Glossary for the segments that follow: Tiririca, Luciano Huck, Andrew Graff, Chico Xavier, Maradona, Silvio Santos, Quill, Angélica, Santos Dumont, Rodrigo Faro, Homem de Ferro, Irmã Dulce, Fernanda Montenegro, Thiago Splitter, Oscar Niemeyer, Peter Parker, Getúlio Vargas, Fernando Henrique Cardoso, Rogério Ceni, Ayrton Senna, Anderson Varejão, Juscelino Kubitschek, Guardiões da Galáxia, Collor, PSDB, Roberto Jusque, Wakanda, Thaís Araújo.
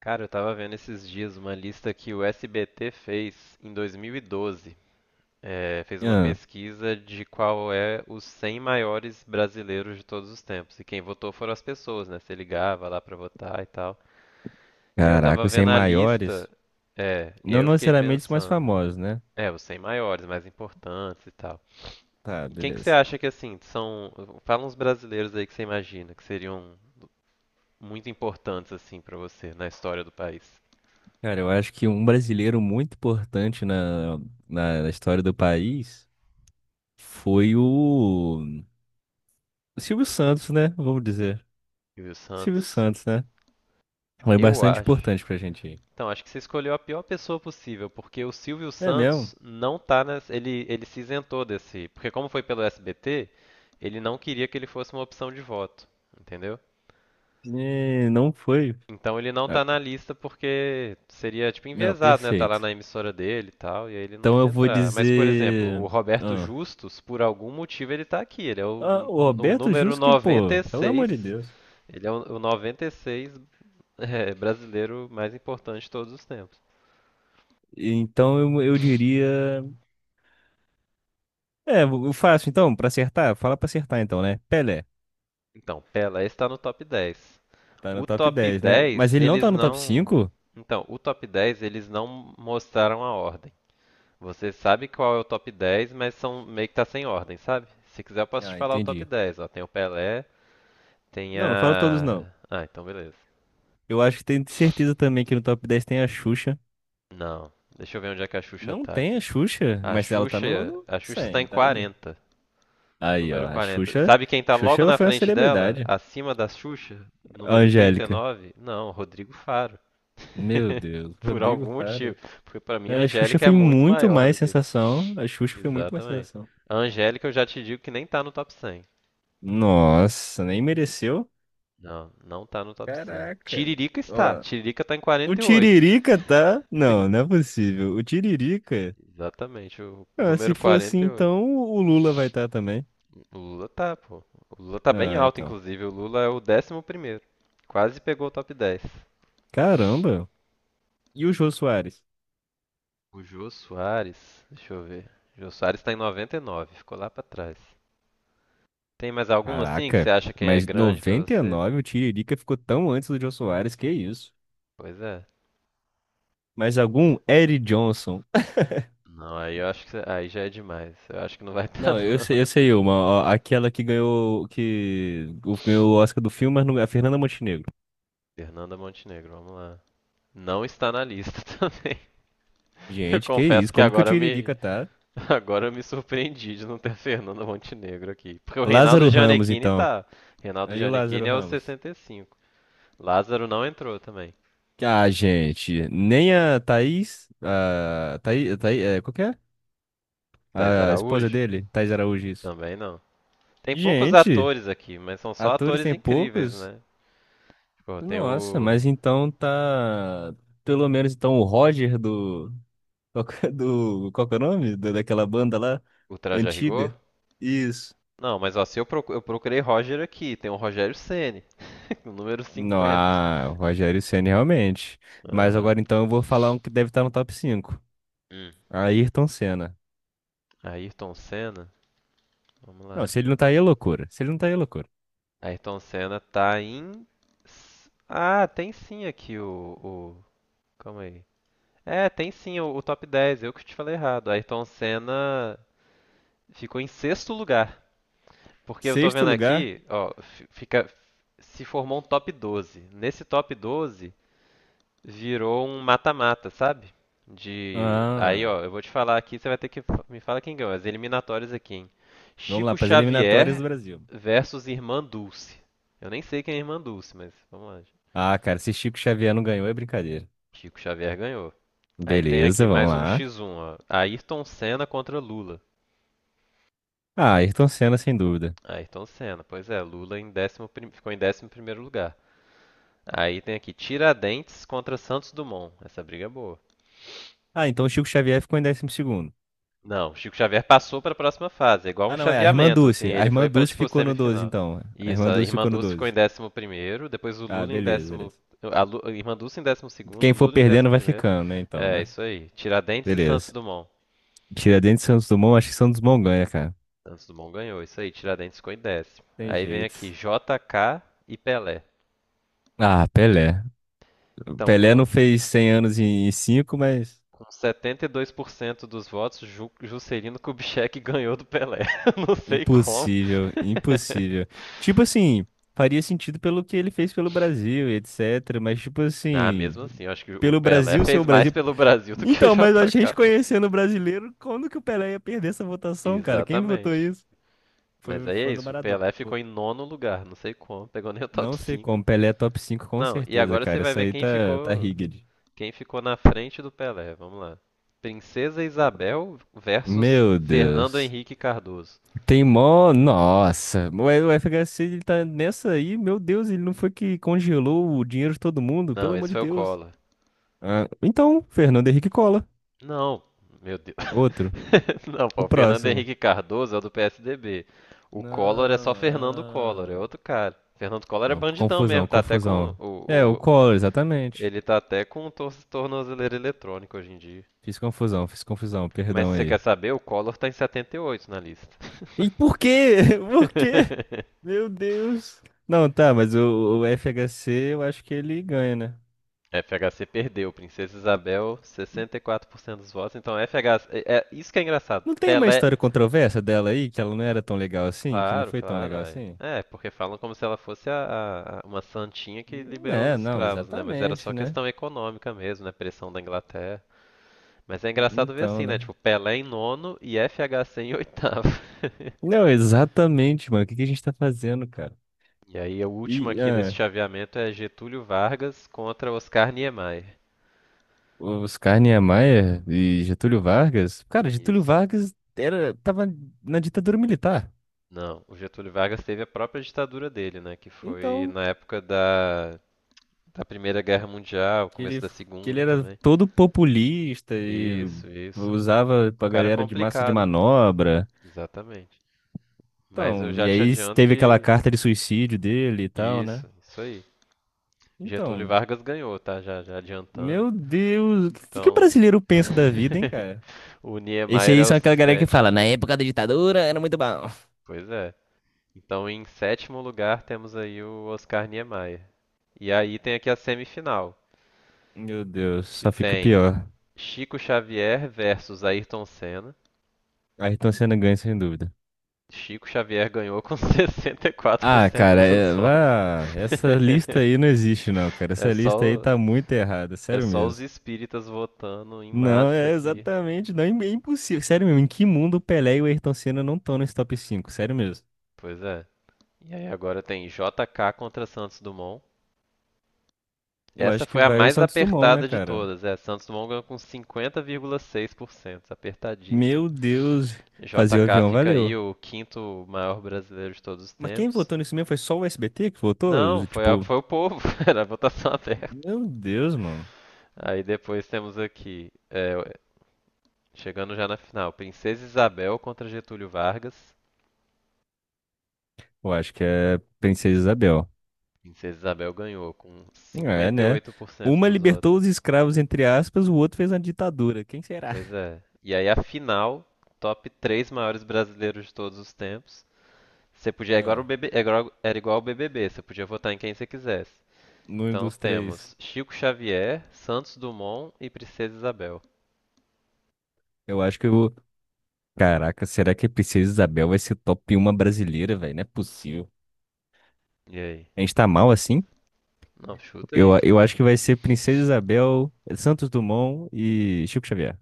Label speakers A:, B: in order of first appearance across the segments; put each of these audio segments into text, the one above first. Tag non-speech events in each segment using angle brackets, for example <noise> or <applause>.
A: Cara, eu tava vendo esses dias uma lista que o SBT fez em 2012. É, fez uma
B: Ah,
A: pesquisa de qual é os 100 maiores brasileiros de todos os tempos. E quem votou foram as pessoas, né? Você ligava lá pra votar e tal. E eu
B: caraca,
A: tava
B: os 100
A: vendo a lista,
B: maiores,
A: é, e aí
B: não
A: eu fiquei
B: necessariamente os mais
A: pensando,
B: famosos, né?
A: é, os 100 maiores, mais importantes e tal.
B: Tá,
A: E quem que você
B: beleza.
A: acha que, assim, são... Fala uns brasileiros aí que você imagina que seriam muito importantes, assim, pra você na história do país.
B: Cara, eu acho que um brasileiro muito importante na, na história do país foi o Silvio Santos, né? Vamos dizer.
A: Silvio
B: Silvio
A: Santos...
B: Santos, né? Foi
A: Eu
B: bastante
A: acho.
B: importante pra gente aí.
A: Então, acho que você escolheu a pior pessoa possível, porque o Silvio
B: É
A: Santos
B: mesmo?
A: não tá nessa, ele se isentou desse, porque como foi pelo SBT, ele não queria que ele fosse uma opção de voto, entendeu?
B: É, não foi.
A: Então ele não
B: Ah,
A: tá na lista porque seria tipo
B: não,
A: enviesado, né? Tá lá
B: perfeito.
A: na emissora dele e tal, e aí ele não
B: Então
A: quis
B: eu vou
A: entrar. Mas, por exemplo, o
B: dizer.
A: Roberto
B: Ah,
A: Justus, por algum motivo ele tá aqui, ele é o,
B: ah,
A: n-
B: o
A: o
B: Roberto
A: número
B: Jusque, pô, pelo amor de
A: 96,
B: Deus.
A: ele é o 96 <laughs> brasileiro mais importante de todos os tempos.
B: Então eu diria. É, o fácil, então, pra acertar, fala pra acertar então, né? Pelé,
A: Então, Pelé está no top 10.
B: tá no
A: O
B: top
A: top
B: 10, né?
A: 10,
B: Mas ele não
A: eles
B: tá no top
A: não.
B: cinco?
A: Então, o top 10, eles não mostraram a ordem. Você sabe qual é o top 10, mas são meio que tá sem ordem, sabe? Se quiser, eu posso te
B: Ah,
A: falar o top
B: entendi.
A: 10. Ó, tem o Pelé, tem
B: Não, não fala todos não.
A: a. Ah, então beleza.
B: Eu acho que tenho certeza também que no top 10 tem a Xuxa.
A: Não. Deixa eu ver onde é que a Xuxa
B: Não
A: tá
B: tem a
A: aqui.
B: Xuxa,
A: A
B: mas ela tá
A: Xuxa,
B: no
A: a Xuxa está
B: 100,
A: em
B: tá aí.
A: 40,
B: Aí, ó,
A: número
B: a
A: 40.
B: Xuxa.
A: Sabe quem tá
B: Xuxa,
A: logo
B: ela
A: na
B: foi uma
A: frente dela,
B: celebridade.
A: acima da Xuxa,
B: A
A: número
B: Angélica.
A: 39? Não, Rodrigo Faro.
B: Meu
A: <laughs>
B: Deus,
A: Por
B: Rodrigo
A: algum
B: Faro.
A: motivo. Porque pra mim a
B: A Xuxa
A: Angélica é
B: foi
A: muito
B: muito
A: maior
B: mais
A: do que.
B: sensação. A Xuxa foi muito mais
A: Exatamente.
B: sensação.
A: A Angélica eu já te digo que nem tá no top 100.
B: Nossa, nem mereceu.
A: Não, não tá no top 100.
B: Caraca.
A: Tiririca está.
B: Ó,
A: Tiririca tá em
B: o
A: 48.
B: Tiririca tá? Não, não é possível. O Tiririca?
A: Exatamente, o
B: Ah, se
A: número
B: for assim,
A: 48.
B: então o Lula vai estar também.
A: O Lula tá, pô. O Lula tá bem
B: Ah,
A: alto,
B: então.
A: inclusive. O Lula é o 11º primeiro. Quase pegou o top 10.
B: Caramba. E o Jô Soares?
A: O Jô Soares, deixa eu ver. O Jô Soares tá em 99, ficou lá pra trás. Tem mais algum assim que você
B: Caraca.
A: acha que é
B: Mas
A: grande pra
B: noventa e
A: você?
B: nove o Tiririca ficou tão antes do Jô Soares, que isso?
A: Pois é.
B: Mas algum Eric Johnson?
A: Não, aí já é demais. Eu acho que não vai <laughs> estar
B: Não, eu sei,
A: não.
B: eu sei uma. Ó, aquela que ganhou, que ganhou o Oscar do filme, mas não, a Fernanda Montenegro.
A: Fernanda Montenegro, vamos lá. Não está na lista <laughs> também. Eu
B: Gente, que
A: confesso
B: isso?
A: que
B: Como que o
A: agora eu me
B: Tiririca tá?
A: agora eu me surpreendi de não ter <laughs> Fernanda Montenegro aqui, porque o Reinaldo
B: Lázaro Ramos,
A: Gianecchini
B: então.
A: tá. Reinaldo
B: Aí o Lázaro
A: Gianecchini é o
B: Ramos.
A: 65. Lázaro não entrou também.
B: Ah, gente, nem a Thaís, é, qual que é?
A: Thais
B: A esposa
A: Araújo
B: dele, Thaís Araújo, isso.
A: também não. Tem poucos
B: Gente,
A: atores aqui, mas são só
B: atores
A: atores
B: tem
A: incríveis,
B: poucos?
A: né? Tipo, tem
B: Nossa,
A: o
B: mas então tá, pelo menos então o Roger do, qual que é do, qual que é o nome? Daquela banda lá,
A: o Traje a Rigor.
B: antiga? Isso.
A: Não, mas ó, se eu procu- eu procurei Roger aqui, tem o Rogério Ceni. <laughs> O número
B: Não,
A: 50.
B: ah, o Rogério Ceni realmente. Mas
A: Aham.
B: agora então eu vou falar um que deve estar no top 5.
A: Uhum. Hum.
B: Ayrton Senna.
A: Ayrton Senna. Vamos
B: Não,
A: lá.
B: se ele não tá aí é loucura. Se ele não tá aí é loucura.
A: Ayrton Senna tá em. Ah, tem sim aqui o. o... Calma aí. É, tem sim o top 10. Eu que te falei errado. Ayrton Senna ficou em sexto lugar. Porque eu tô
B: Sexto
A: vendo
B: lugar.
A: aqui, ó, fica. Se formou um top 12. Nesse top 12, virou um mata-mata, sabe? De. Aí,
B: Ah,
A: ó, eu vou te falar aqui, você vai ter que me falar quem ganhou. As eliminatórias aqui, hein?
B: vamos lá,
A: Chico
B: para as eliminatórias
A: Xavier
B: do Brasil.
A: versus Irmã Dulce. Eu nem sei quem é a Irmã Dulce, mas vamos lá.
B: Ah, cara, se Chico Xavier não ganhou é brincadeira.
A: Chico Xavier ganhou. Aí tem
B: Beleza,
A: aqui
B: vamos
A: mais um
B: lá.
A: X1, ó. Ayrton Senna contra Lula.
B: Ah, Ayrton Senna, sem dúvida.
A: Ayrton Senna, pois é, Lula ficou em décimo primeiro lugar. Aí tem aqui Tiradentes contra Santos Dumont. Essa briga é boa.
B: Ah, então o Chico Xavier ficou em 12º.
A: Não, Chico Xavier passou para a próxima fase, é igual um
B: Ah, não, é a irmã
A: chaveamento, assim,
B: Dulce. A
A: ele foi
B: irmã
A: para
B: Dulce
A: tipo
B: ficou no 12,
A: semifinal.
B: então. A
A: Isso,
B: irmã
A: a
B: Dulce
A: Irmã
B: ficou no
A: Dulce ficou em
B: 12.
A: décimo primeiro, depois o
B: Ah,
A: Lula em
B: beleza,
A: décimo,
B: beleza.
A: a Irmã Dulce em décimo segundo,
B: Quem
A: o
B: for
A: Lula em décimo
B: perdendo vai
A: primeiro.
B: ficando, né, então,
A: É,
B: né?
A: isso aí. Tiradentes e Santos
B: Beleza.
A: Dumont.
B: Tiradentes e Santos Dumont, acho que Santos Dumont ganha, cara.
A: Santos Dumont ganhou, isso aí, Tiradentes ficou em décimo.
B: Tem
A: Aí vem aqui
B: jeito.
A: JK e Pelé.
B: Ah, Pelé.
A: Então,
B: Pelé
A: com,
B: não fez 100 anos em 5, mas...
A: com 72% dos votos, Juscelino Kubitschek <laughs> ganhou do Pelé. <laughs> Não sei como.
B: Impossível, impossível. Tipo assim, faria sentido pelo que ele fez pelo Brasil, e etc. Mas, tipo
A: Ah,
B: assim,
A: mesmo assim, eu acho que o
B: pelo
A: Pelé
B: Brasil ser o
A: fez mais
B: Brasil.
A: pelo Brasil <laughs> do que o
B: Então, mas a
A: JK,
B: gente
A: pô.
B: conhecendo o brasileiro, quando que o Pelé ia perder essa votação, cara? Quem votou
A: Exatamente.
B: isso?
A: Mas
B: Foi o
A: aí é
B: fã do
A: isso, o
B: Maradona
A: Pelé
B: que
A: ficou
B: votou.
A: em nono lugar, não sei como, pegou nem o top
B: Não sei
A: cinco
B: como. Pelé é top 5 com
A: Não, e
B: certeza,
A: agora você
B: cara.
A: vai
B: Isso
A: ver
B: aí tá rigged.
A: quem ficou na frente do Pelé, vamos lá. Princesa Isabel versus
B: Meu
A: Fernando
B: Deus.
A: Henrique Cardoso.
B: Tem mó. Nossa. O FHC ele tá nessa aí. Meu Deus, ele não foi que congelou o dinheiro de todo mundo?
A: Não,
B: Pelo amor
A: esse
B: de
A: foi o
B: Deus.
A: Collor.
B: Ah, então, Fernando Henrique Cola.
A: Não, meu Deus.
B: Outro.
A: <laughs> Não,
B: O
A: pô, o Fernando
B: próximo.
A: Henrique Cardoso é o do PSDB. O Collor é só
B: Não,
A: Fernando Collor, é
B: ah.
A: outro cara. Fernando Collor é
B: Não,
A: bandidão
B: confusão,
A: mesmo, tá até com
B: confusão. É, o
A: o-
B: Collor, exatamente.
A: ele tá até com o tornozeleira eletrônico hoje em dia.
B: Fiz confusão,
A: Mas
B: perdão
A: se você
B: aí.
A: quer saber, o Collor tá em 78 na lista.
B: E por quê? <laughs> Por quê?
A: <laughs>
B: Meu Deus. Não, tá, mas o FHC eu acho que ele ganha, né?
A: FHC perdeu, Princesa Isabel, 64% dos votos. Então FHC, é isso que é engraçado.
B: Não tem uma
A: Pelé.
B: história controversa dela aí, que ela não era tão legal assim, que não
A: Claro,
B: foi tão
A: claro,
B: legal
A: é.
B: assim?
A: É, porque falam como se ela fosse uma santinha que liberou
B: É,
A: os
B: não,
A: escravos, né? Mas era
B: exatamente,
A: só
B: né?
A: questão econômica mesmo, né? Pressão da Inglaterra. Mas é engraçado ver
B: Então,
A: assim, né?
B: né?
A: Tipo, Pelé em nono e FHC em oitavo. <laughs>
B: Não, exatamente, mano. O que que a gente tá fazendo, cara?
A: E aí, o último
B: E
A: aqui desse chaveamento é Getúlio Vargas contra Oscar Niemeyer.
B: os Oscar Niemeyer e Getúlio Vargas, cara, Getúlio
A: Isso.
B: Vargas era, tava na ditadura militar.
A: Não, o Getúlio Vargas teve a própria ditadura dele, né? Que foi
B: Então,
A: na época da Primeira Guerra Mundial,
B: que
A: começo
B: ele,
A: da
B: que ele
A: Segunda
B: era
A: também.
B: todo populista e
A: Isso, isso.
B: usava
A: O
B: pra
A: cara é
B: galera de massa de
A: complicado.
B: manobra.
A: Exatamente. Mas eu
B: Então,
A: já
B: e
A: te
B: aí
A: adianto
B: teve aquela
A: que.
B: carta de suicídio dele e tal, né?
A: Isso aí. Getúlio
B: Então,
A: Vargas ganhou, tá? Já, já adiantando.
B: meu Deus, o que que o
A: Então.
B: brasileiro pensa da vida, hein, cara?
A: <laughs> O
B: Esse
A: Niemeyer
B: aí
A: é o
B: são aquela galera que fala, na
A: sétimo.
B: época da ditadura era muito bom.
A: Pois é. Então, em sétimo lugar, temos aí o Oscar Niemeyer. E aí tem aqui a semifinal,
B: Meu Deus,
A: que
B: só fica
A: tem
B: pior.
A: Chico Xavier versus Ayrton Senna.
B: Ayrton Senna ganha, sem dúvida.
A: Chico Xavier ganhou com <laughs>
B: Ah,
A: 64%
B: cara,
A: dos votos.
B: vá, essa lista aí não existe, não, cara.
A: <laughs> é
B: Essa lista aí
A: só,
B: tá muito errada,
A: É
B: sério
A: só os
B: mesmo.
A: espíritas votando em
B: Não,
A: massa
B: é
A: aqui.
B: exatamente, não, é impossível. Sério mesmo, em que mundo o Pelé e o Ayrton Senna não estão nesse top 5? Sério mesmo.
A: Pois é. E aí agora tem JK contra Santos Dumont.
B: Eu
A: Essa
B: acho que
A: foi a
B: vai o
A: mais
B: Santos Dumont, né,
A: apertada de
B: cara?
A: todas. É, Santos Dumont ganhou com 50,6%, apertadíssimo.
B: Meu Deus, fazer o
A: JK
B: avião
A: fica aí
B: valeu.
A: o quinto maior brasileiro de todos os
B: Mas quem
A: tempos.
B: votou nisso mesmo foi só o SBT que votou?
A: Não,
B: Tipo,
A: foi o povo, <laughs> era a votação aberta.
B: meu Deus, mano.
A: Aí depois temos aqui, chegando já na final, Princesa Isabel contra Getúlio Vargas.
B: Eu acho que é Princesa Isabel.
A: Princesa Isabel ganhou com
B: É, né?
A: 58%
B: Uma
A: dos votos.
B: libertou os escravos, entre aspas, o outro fez uma ditadura. Quem será?
A: Pois
B: <laughs>
A: é. E aí a final, top 3 maiores brasileiros de todos os tempos. Você podia, agora o
B: Não.
A: BB, agora era igual ao BBB, você podia votar em quem você quisesse.
B: No
A: Então
B: dos três.
A: temos Chico Xavier, Santos Dumont e Princesa Isabel.
B: Eu acho que eu vou. Caraca, será que a Princesa Isabel vai ser top 1 brasileira, velho? Não é possível.
A: E aí?
B: A gente tá mal assim?
A: Não, chuta
B: Eu,
A: aí.
B: eu acho que vai ser Princesa Isabel, Santos Dumont e Chico Xavier.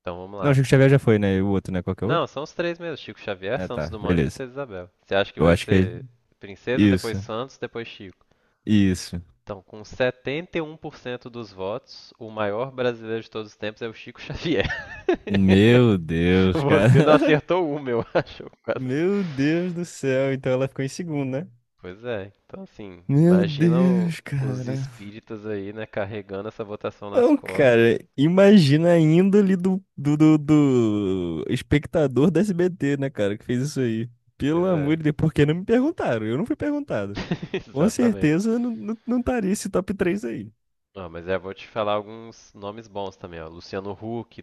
A: Então vamos
B: Não,
A: lá,
B: Chico Xavier já
A: com...
B: foi, né? E o outro, né? Qual que é o
A: Não,
B: outro?
A: são os três mesmo, Chico Xavier,
B: Ah, tá.
A: Santos Dumont e
B: Beleza.
A: Princesa Isabel. Você acha que
B: Eu
A: vai
B: acho que é
A: ser Princesa,
B: isso.
A: depois Santos, depois Chico?
B: Isso.
A: Então, com 71% dos votos, o maior brasileiro de todos os tempos é o Chico Xavier.
B: Meu
A: <laughs>
B: Deus,
A: Você não
B: cara. <laughs>
A: acertou uma, eu acho.
B: Meu Deus do céu. Então ela ficou em segundo, né?
A: Pois é. Então, assim,
B: Meu
A: imagina
B: Deus,
A: os
B: cara.
A: espíritas aí, né, carregando essa votação nas
B: Não, cara,
A: costas.
B: imagina a índole do espectador da SBT, né, cara, que fez isso aí. Pelo
A: Pois
B: amor
A: é.
B: de Deus, por que não me perguntaram? Eu não fui perguntado.
A: <laughs>
B: Com
A: Exatamente.
B: certeza eu não estaria esse top 3 aí.
A: Ah, mas eu vou te falar alguns nomes bons também, ó. Luciano Huck,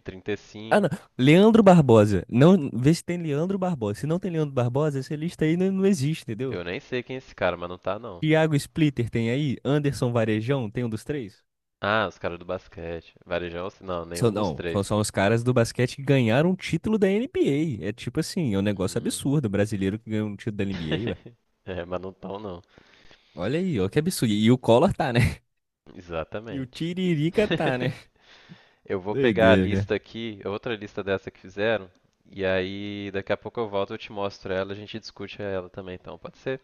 B: Ah, não.
A: 35.
B: Leandro Barbosa. Não, vê se tem Leandro Barbosa. Se não tem Leandro Barbosa, essa lista aí não, não existe, entendeu?
A: Eu nem sei quem é esse cara, mas não tá, não.
B: Thiago Splitter tem aí? Anderson Varejão tem um dos três?
A: Ah, os caras do basquete. Varejão, não, nenhum
B: São,
A: dos
B: não,
A: três.
B: são os caras do basquete que ganharam um título da NBA. É tipo assim, é um negócio
A: Hum.
B: absurdo. Um brasileiro que ganhou um título da NBA, ué.
A: <laughs> É, mas não tão, não.
B: Olha aí, ó, que absurdo. E o Collor tá, né? <laughs> E o
A: Exatamente.
B: Tiririca tá, né?
A: <laughs> Eu vou pegar a
B: Doideira, cara.
A: lista aqui, outra lista dessa que fizeram, e aí daqui a pouco eu volto, eu te mostro ela, a gente discute ela também, então, pode ser?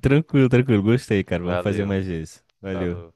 B: Tranquilo, tranquilo. Gostei, cara. Vamos fazer
A: Valeu,
B: mais vezes. Valeu.
A: falou.